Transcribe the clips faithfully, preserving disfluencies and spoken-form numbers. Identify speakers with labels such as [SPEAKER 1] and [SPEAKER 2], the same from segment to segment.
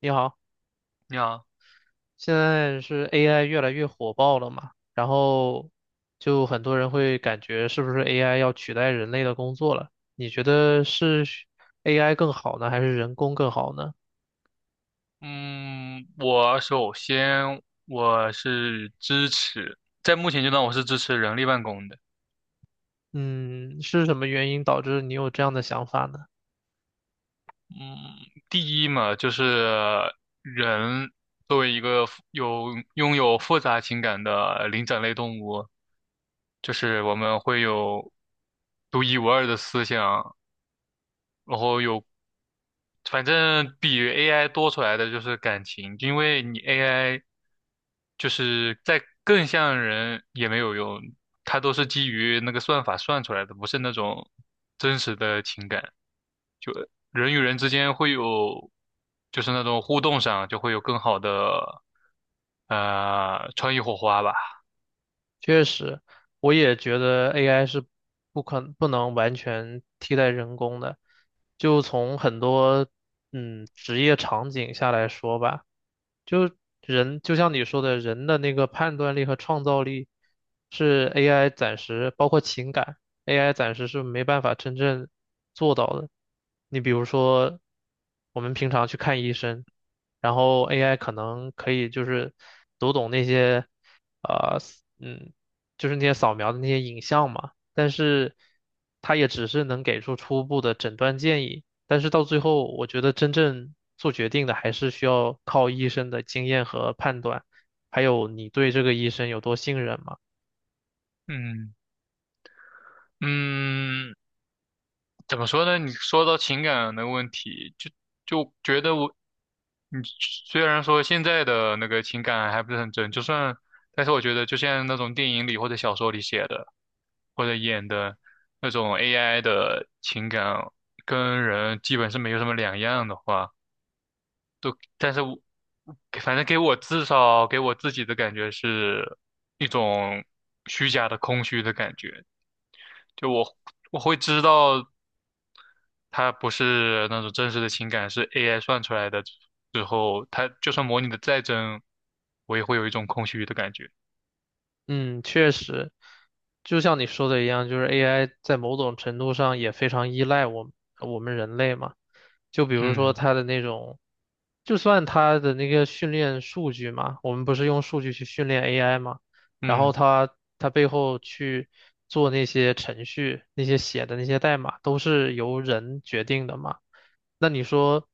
[SPEAKER 1] 你好，
[SPEAKER 2] 你好，
[SPEAKER 1] 现在是 A I 越来越火爆了嘛，然后就很多人会感觉是不是 A I 要取代人类的工作了？你觉得是 A I 更好呢，还是人工更好呢？
[SPEAKER 2] 嗯，我首先我是支持，在目前阶段我是支持人力办公的。
[SPEAKER 1] 嗯，是什么原因导致你有这样的想法呢？
[SPEAKER 2] 第一嘛，就是人作为一个复有拥有复杂情感的灵长类动物，就是我们会有独一无二的思想，然后有反正比 A I 多出来的就是感情，因为你 A I 就是在更像人也没有用，它都是基于那个算法算出来的，不是那种真实的情感。就人与人之间会有，就是那种互动上就会有更好的呃创意火花吧。
[SPEAKER 1] 确实，我也觉得 A I 是不可不能完全替代人工的。就从很多嗯职业场景下来说吧，就人就像你说的，人的那个判断力和创造力是 A I 暂时包括情感，A I 暂时是没办法真正做到的。你比如说，我们平常去看医生，然后 A I 可能可以就是读懂那些。啊。嗯，就是那些扫描的那些影像嘛，但是它也只是能给出初步的诊断建议，但是到最后，我觉得真正做决定的还是需要靠医生的经验和判断，还有你对这个医生有多信任嘛。
[SPEAKER 2] 嗯，嗯，怎么说呢？你说到情感的问题，就就觉得我嗯，虽然说现在的那个情感还不是很真，就算，但是我觉得就像那种电影里或者小说里写的，或者演的那种 A I 的情感，跟人基本是没有什么两样的话，都，但是我反正给我至少给我自己的感觉是一种虚假的空虚的感觉，就我我会知道它不是那种真实的情感，是 A I 算出来的之后，它就算模拟的再真，我也会有一种空虚的感觉。
[SPEAKER 1] 嗯，确实，就像你说的一样，就是 A I 在某种程度上也非常依赖我们我们人类嘛。就比如说
[SPEAKER 2] 嗯。
[SPEAKER 1] 它的那种，就算它的那个训练数据嘛，我们不是用数据去训练 A I 嘛，然后
[SPEAKER 2] 嗯。
[SPEAKER 1] 它它背后去做那些程序，那些写的那些代码都是由人决定的嘛。那你说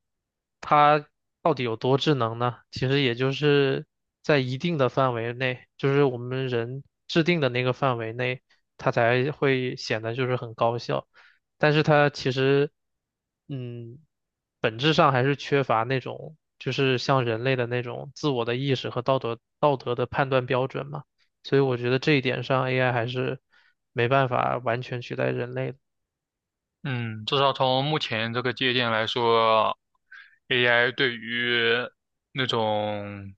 [SPEAKER 1] 它到底有多智能呢？其实也就是在一定的范围内，就是我们人制定的那个范围内，它才会显得就是很高效。但是它其实，嗯，本质上还是缺乏那种就是像人类的那种自我的意识和道德道德的判断标准嘛。所以我觉得这一点上，A I 还是没办法完全取代人类的。
[SPEAKER 2] 嗯，至少从目前这个界限来说，A I 对于那种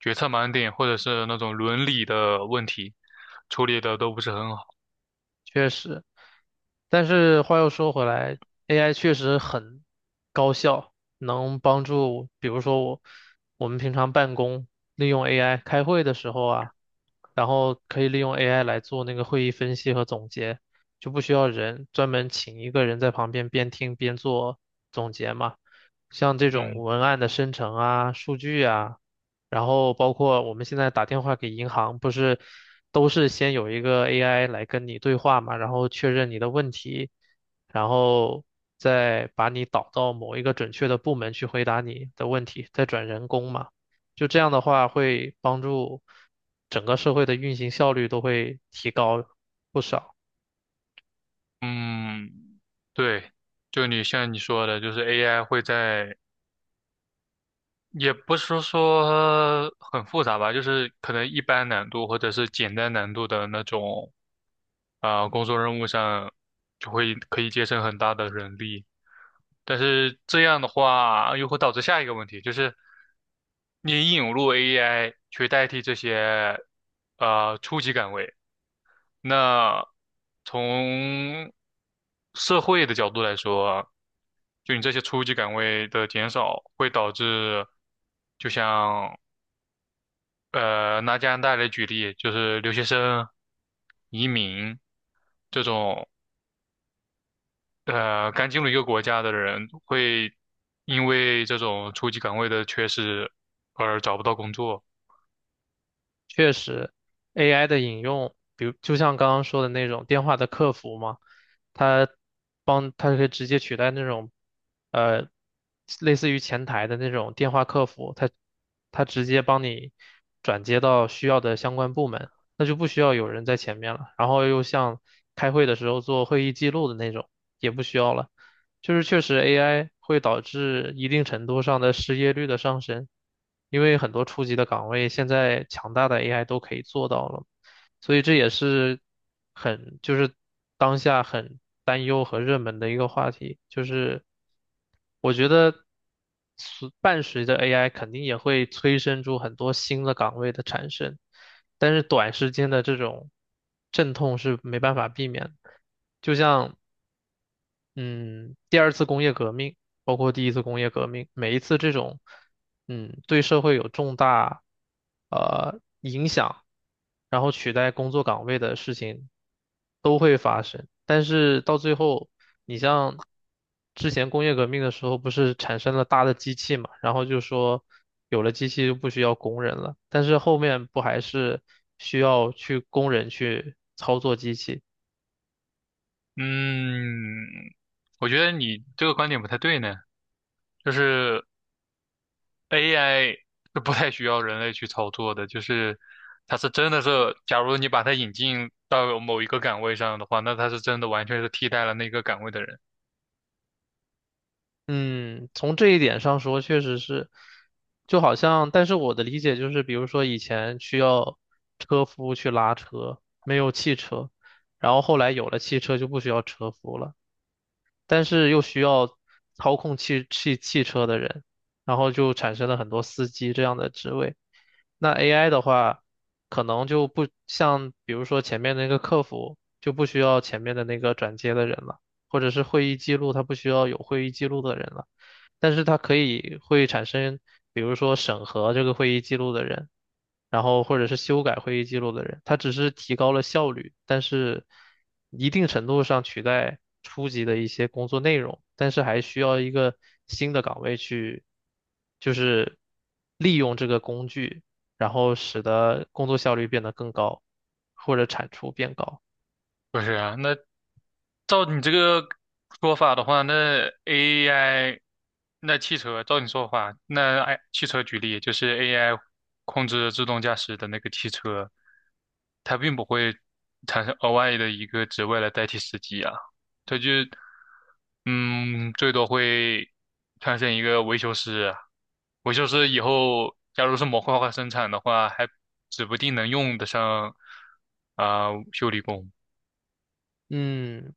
[SPEAKER 2] 决策盲点或者是那种伦理的问题处理的都不是很好。
[SPEAKER 1] 确实。但是话又说回来，A I 确实很高效，能帮助，比如说我我们平常办公利用 A I 开会的时候啊，然后可以利用 A I 来做那个会议分析和总结，就不需要人专门请一个人在旁边边听边做总结嘛。像这种
[SPEAKER 2] 嗯，
[SPEAKER 1] 文案的生成啊、数据啊，然后包括我们现在打电话给银行，不是都是先有一个 A I 来跟你对话嘛，然后确认你的问题，然后再把你导到某一个准确的部门去回答你的问题，再转人工嘛。就这样的话，会帮助整个社会的运行效率都会提高不少。
[SPEAKER 2] 嗯，对，就你像你说的，就是 A I 会在也不是说很复杂吧，就是可能一般难度或者是简单难度的那种，啊、工作任务上就会可以节省很大的人力。但是这样的话，又会导致下一个问题，就是你引入 A I 去代替这些呃初级岗位，那从社会的角度来说，就你这些初级岗位的减少，会导致，就像呃拿加拿大来举例，就是留学生、移民这种呃刚进入一个国家的人，会因为这种初级岗位的缺失而找不到工作。
[SPEAKER 1] 确实，A I 的引用，比如就像刚刚说的那种电话的客服嘛，它帮它可以直接取代那种呃类似于前台的那种电话客服，它它直接帮你转接到需要的相关部门，那就不需要有人在前面了。然后又像开会的时候做会议记录的那种，也不需要了。就是确实 A I 会导致一定程度上的失业率的上升，因为很多初级的岗位现在强大的 A I 都可以做到了，所以这也是很就是当下很担忧和热门的一个话题，就是我觉得随伴随着 A I 肯定也会催生出很多新的岗位的产生，但是短时间的这种阵痛是没办法避免的。就像嗯，第二次工业革命，包括第一次工业革命，每一次这种，嗯，对社会有重大呃影响，然后取代工作岗位的事情都会发生。但是到最后，你像之前工业革命的时候，不是产生了大的机器嘛，然后就说有了机器就不需要工人了，但是后面不还是需要去工人去操作机器？
[SPEAKER 2] 嗯，我觉得你这个观点不太对呢，就是。A I 是不太需要人类去操作的，就是它是真的是，假如你把它引进到某一个岗位上的话，那它是真的完全是替代了那个岗位的人。
[SPEAKER 1] 嗯，从这一点上说，确实是，就好像，但是我的理解就是，比如说以前需要车夫去拉车，没有汽车，然后后来有了汽车就不需要车夫了，但是又需要操控汽汽汽车的人，然后就产生了很多司机这样的职位。那 A I 的话，可能就不像，比如说前面那个客服就不需要前面的那个转接的人了，或者是会议记录，他不需要有会议记录的人了。但是它可以会产生，比如说审核这个会议记录的人，然后或者是修改会议记录的人，它只是提高了效率，但是一定程度上取代初级的一些工作内容，但是还需要一个新的岗位去，就是利用这个工具，然后使得工作效率变得更高，或者产出变高。
[SPEAKER 2] 不是啊，那照你这个说法的话，那 A I，那汽车，照你说法，那 I 汽车举例，就是 A I 控制自动驾驶的那个汽车，它并不会产生额外的一个职位来代替司机啊，它就，嗯，最多会产生一个维修师，维修师以后假如是模块化生产的话，还指不定能用得上啊、修理工。
[SPEAKER 1] 嗯，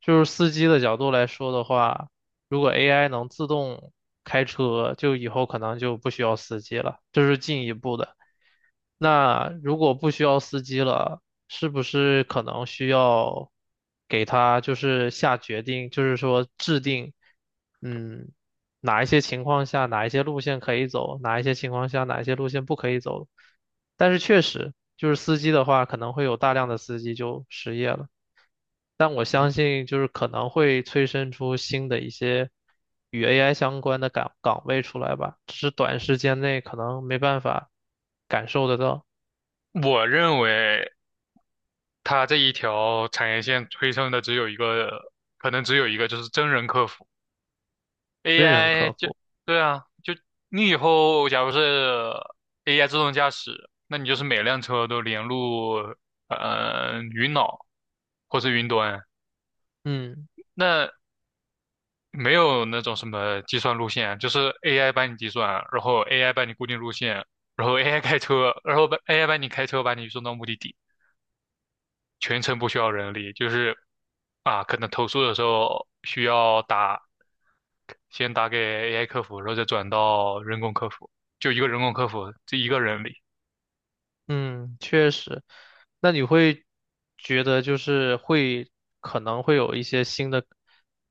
[SPEAKER 1] 就是司机的角度来说的话，如果 A I 能自动开车，就以后可能就不需要司机了，这是进一步的。那如果不需要司机了，是不是可能需要给他就是下决定，就是说制定，嗯，哪一些情况下哪一些路线可以走，哪一些情况下哪一些路线不可以走？但是确实，就是司机的话，可能会有大量的司机就失业了。但我相信就是可能会催生出新的一些与 A I 相关的岗岗位出来吧，只是短时间内可能没办法感受得到
[SPEAKER 2] 我认为它这一条产业线催生的只有一个，可能只有一个，就是真人客服。
[SPEAKER 1] 真人
[SPEAKER 2] A I
[SPEAKER 1] 客
[SPEAKER 2] 就，
[SPEAKER 1] 服。
[SPEAKER 2] 对啊，就你以后假如是 A I 自动驾驶，那你就是每辆车都连入呃云脑或是云端，
[SPEAKER 1] 嗯。
[SPEAKER 2] 那没有那种什么计算路线，就是 A I 帮你计算，然后 AI 帮你固定路线，然后 AI 开车，然后把 A I 帮你开车把你送到目的地。全程不需要人力，就是啊，可能投诉的时候需要打，先打给 A I 客服，然后再转到人工客服，就一个人工客服，这一个人力，
[SPEAKER 1] 嗯，确实。那你会觉得就是会可能会有一些新的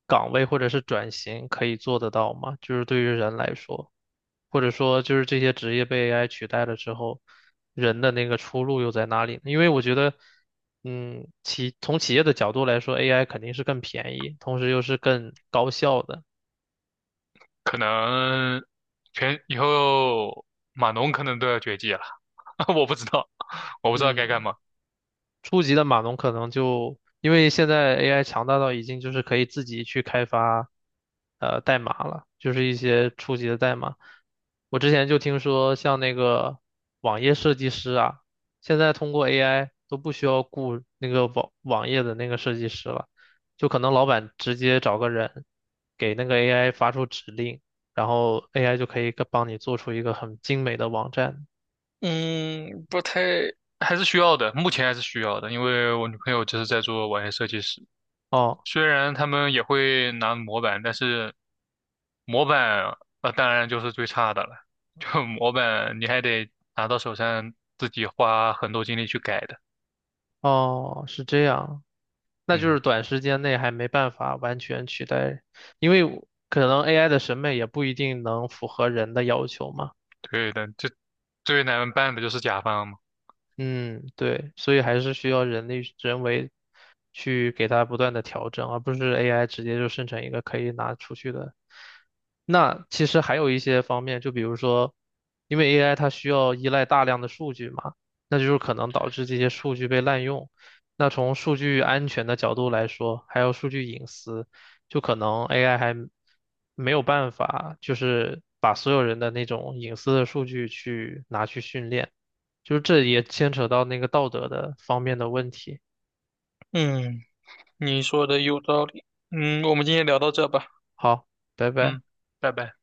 [SPEAKER 1] 岗位或者是转型可以做得到吗？就是对于人来说，或者说就是这些职业被 A I 取代了之后，人的那个出路又在哪里呢？因为我觉得，嗯，企从企业的角度来说，A I 肯定是更便宜，同时又是更高效的。
[SPEAKER 2] 可能全以后码农可能都要绝迹了，我不知道，我不知道该干
[SPEAKER 1] 嗯，
[SPEAKER 2] 嘛。
[SPEAKER 1] 初级的码农可能就因为现在 A I 强大到已经就是可以自己去开发呃代码了，就是一些初级的代码。我之前就听说像那个网页设计师啊，现在通过 A I 都不需要雇那个网网页的那个设计师了，就可能老板直接找个人给那个 A I 发出指令，然后 A I 就可以帮你做出一个很精美的网站。
[SPEAKER 2] 嗯，不太，还是需要的，目前还是需要的，因为我女朋友就是在做网页设计师，
[SPEAKER 1] 哦
[SPEAKER 2] 虽然他们也会拿模板，但是。模板呃，当然就是最差的了。就模板你还得拿到手上自己花很多精力去改的。
[SPEAKER 1] 哦，是这样。那就是
[SPEAKER 2] 嗯，
[SPEAKER 1] 短时间内还没办法完全取代，因为可能 A I 的审美也不一定能符合人的要求嘛。
[SPEAKER 2] 对的，这最难办的就是甲方嘛。
[SPEAKER 1] 嗯，对，所以还是需要人力人为去给它不断的调整，而不是 A I 直接就生成一个可以拿出去的。那其实还有一些方面，就比如说，因为 A I 它需要依赖大量的数据嘛，那就是可能导致这些数据被滥用。那从数据安全的角度来说，还有数据隐私，就可能 A I 还没有办法，就是把所有人的那种隐私的数据去拿去训练。就是这也牵扯到那个道德的方面的问题。
[SPEAKER 2] 嗯，你说的有道理。嗯，我们今天聊到这吧。
[SPEAKER 1] 好，拜拜。
[SPEAKER 2] 嗯，拜拜。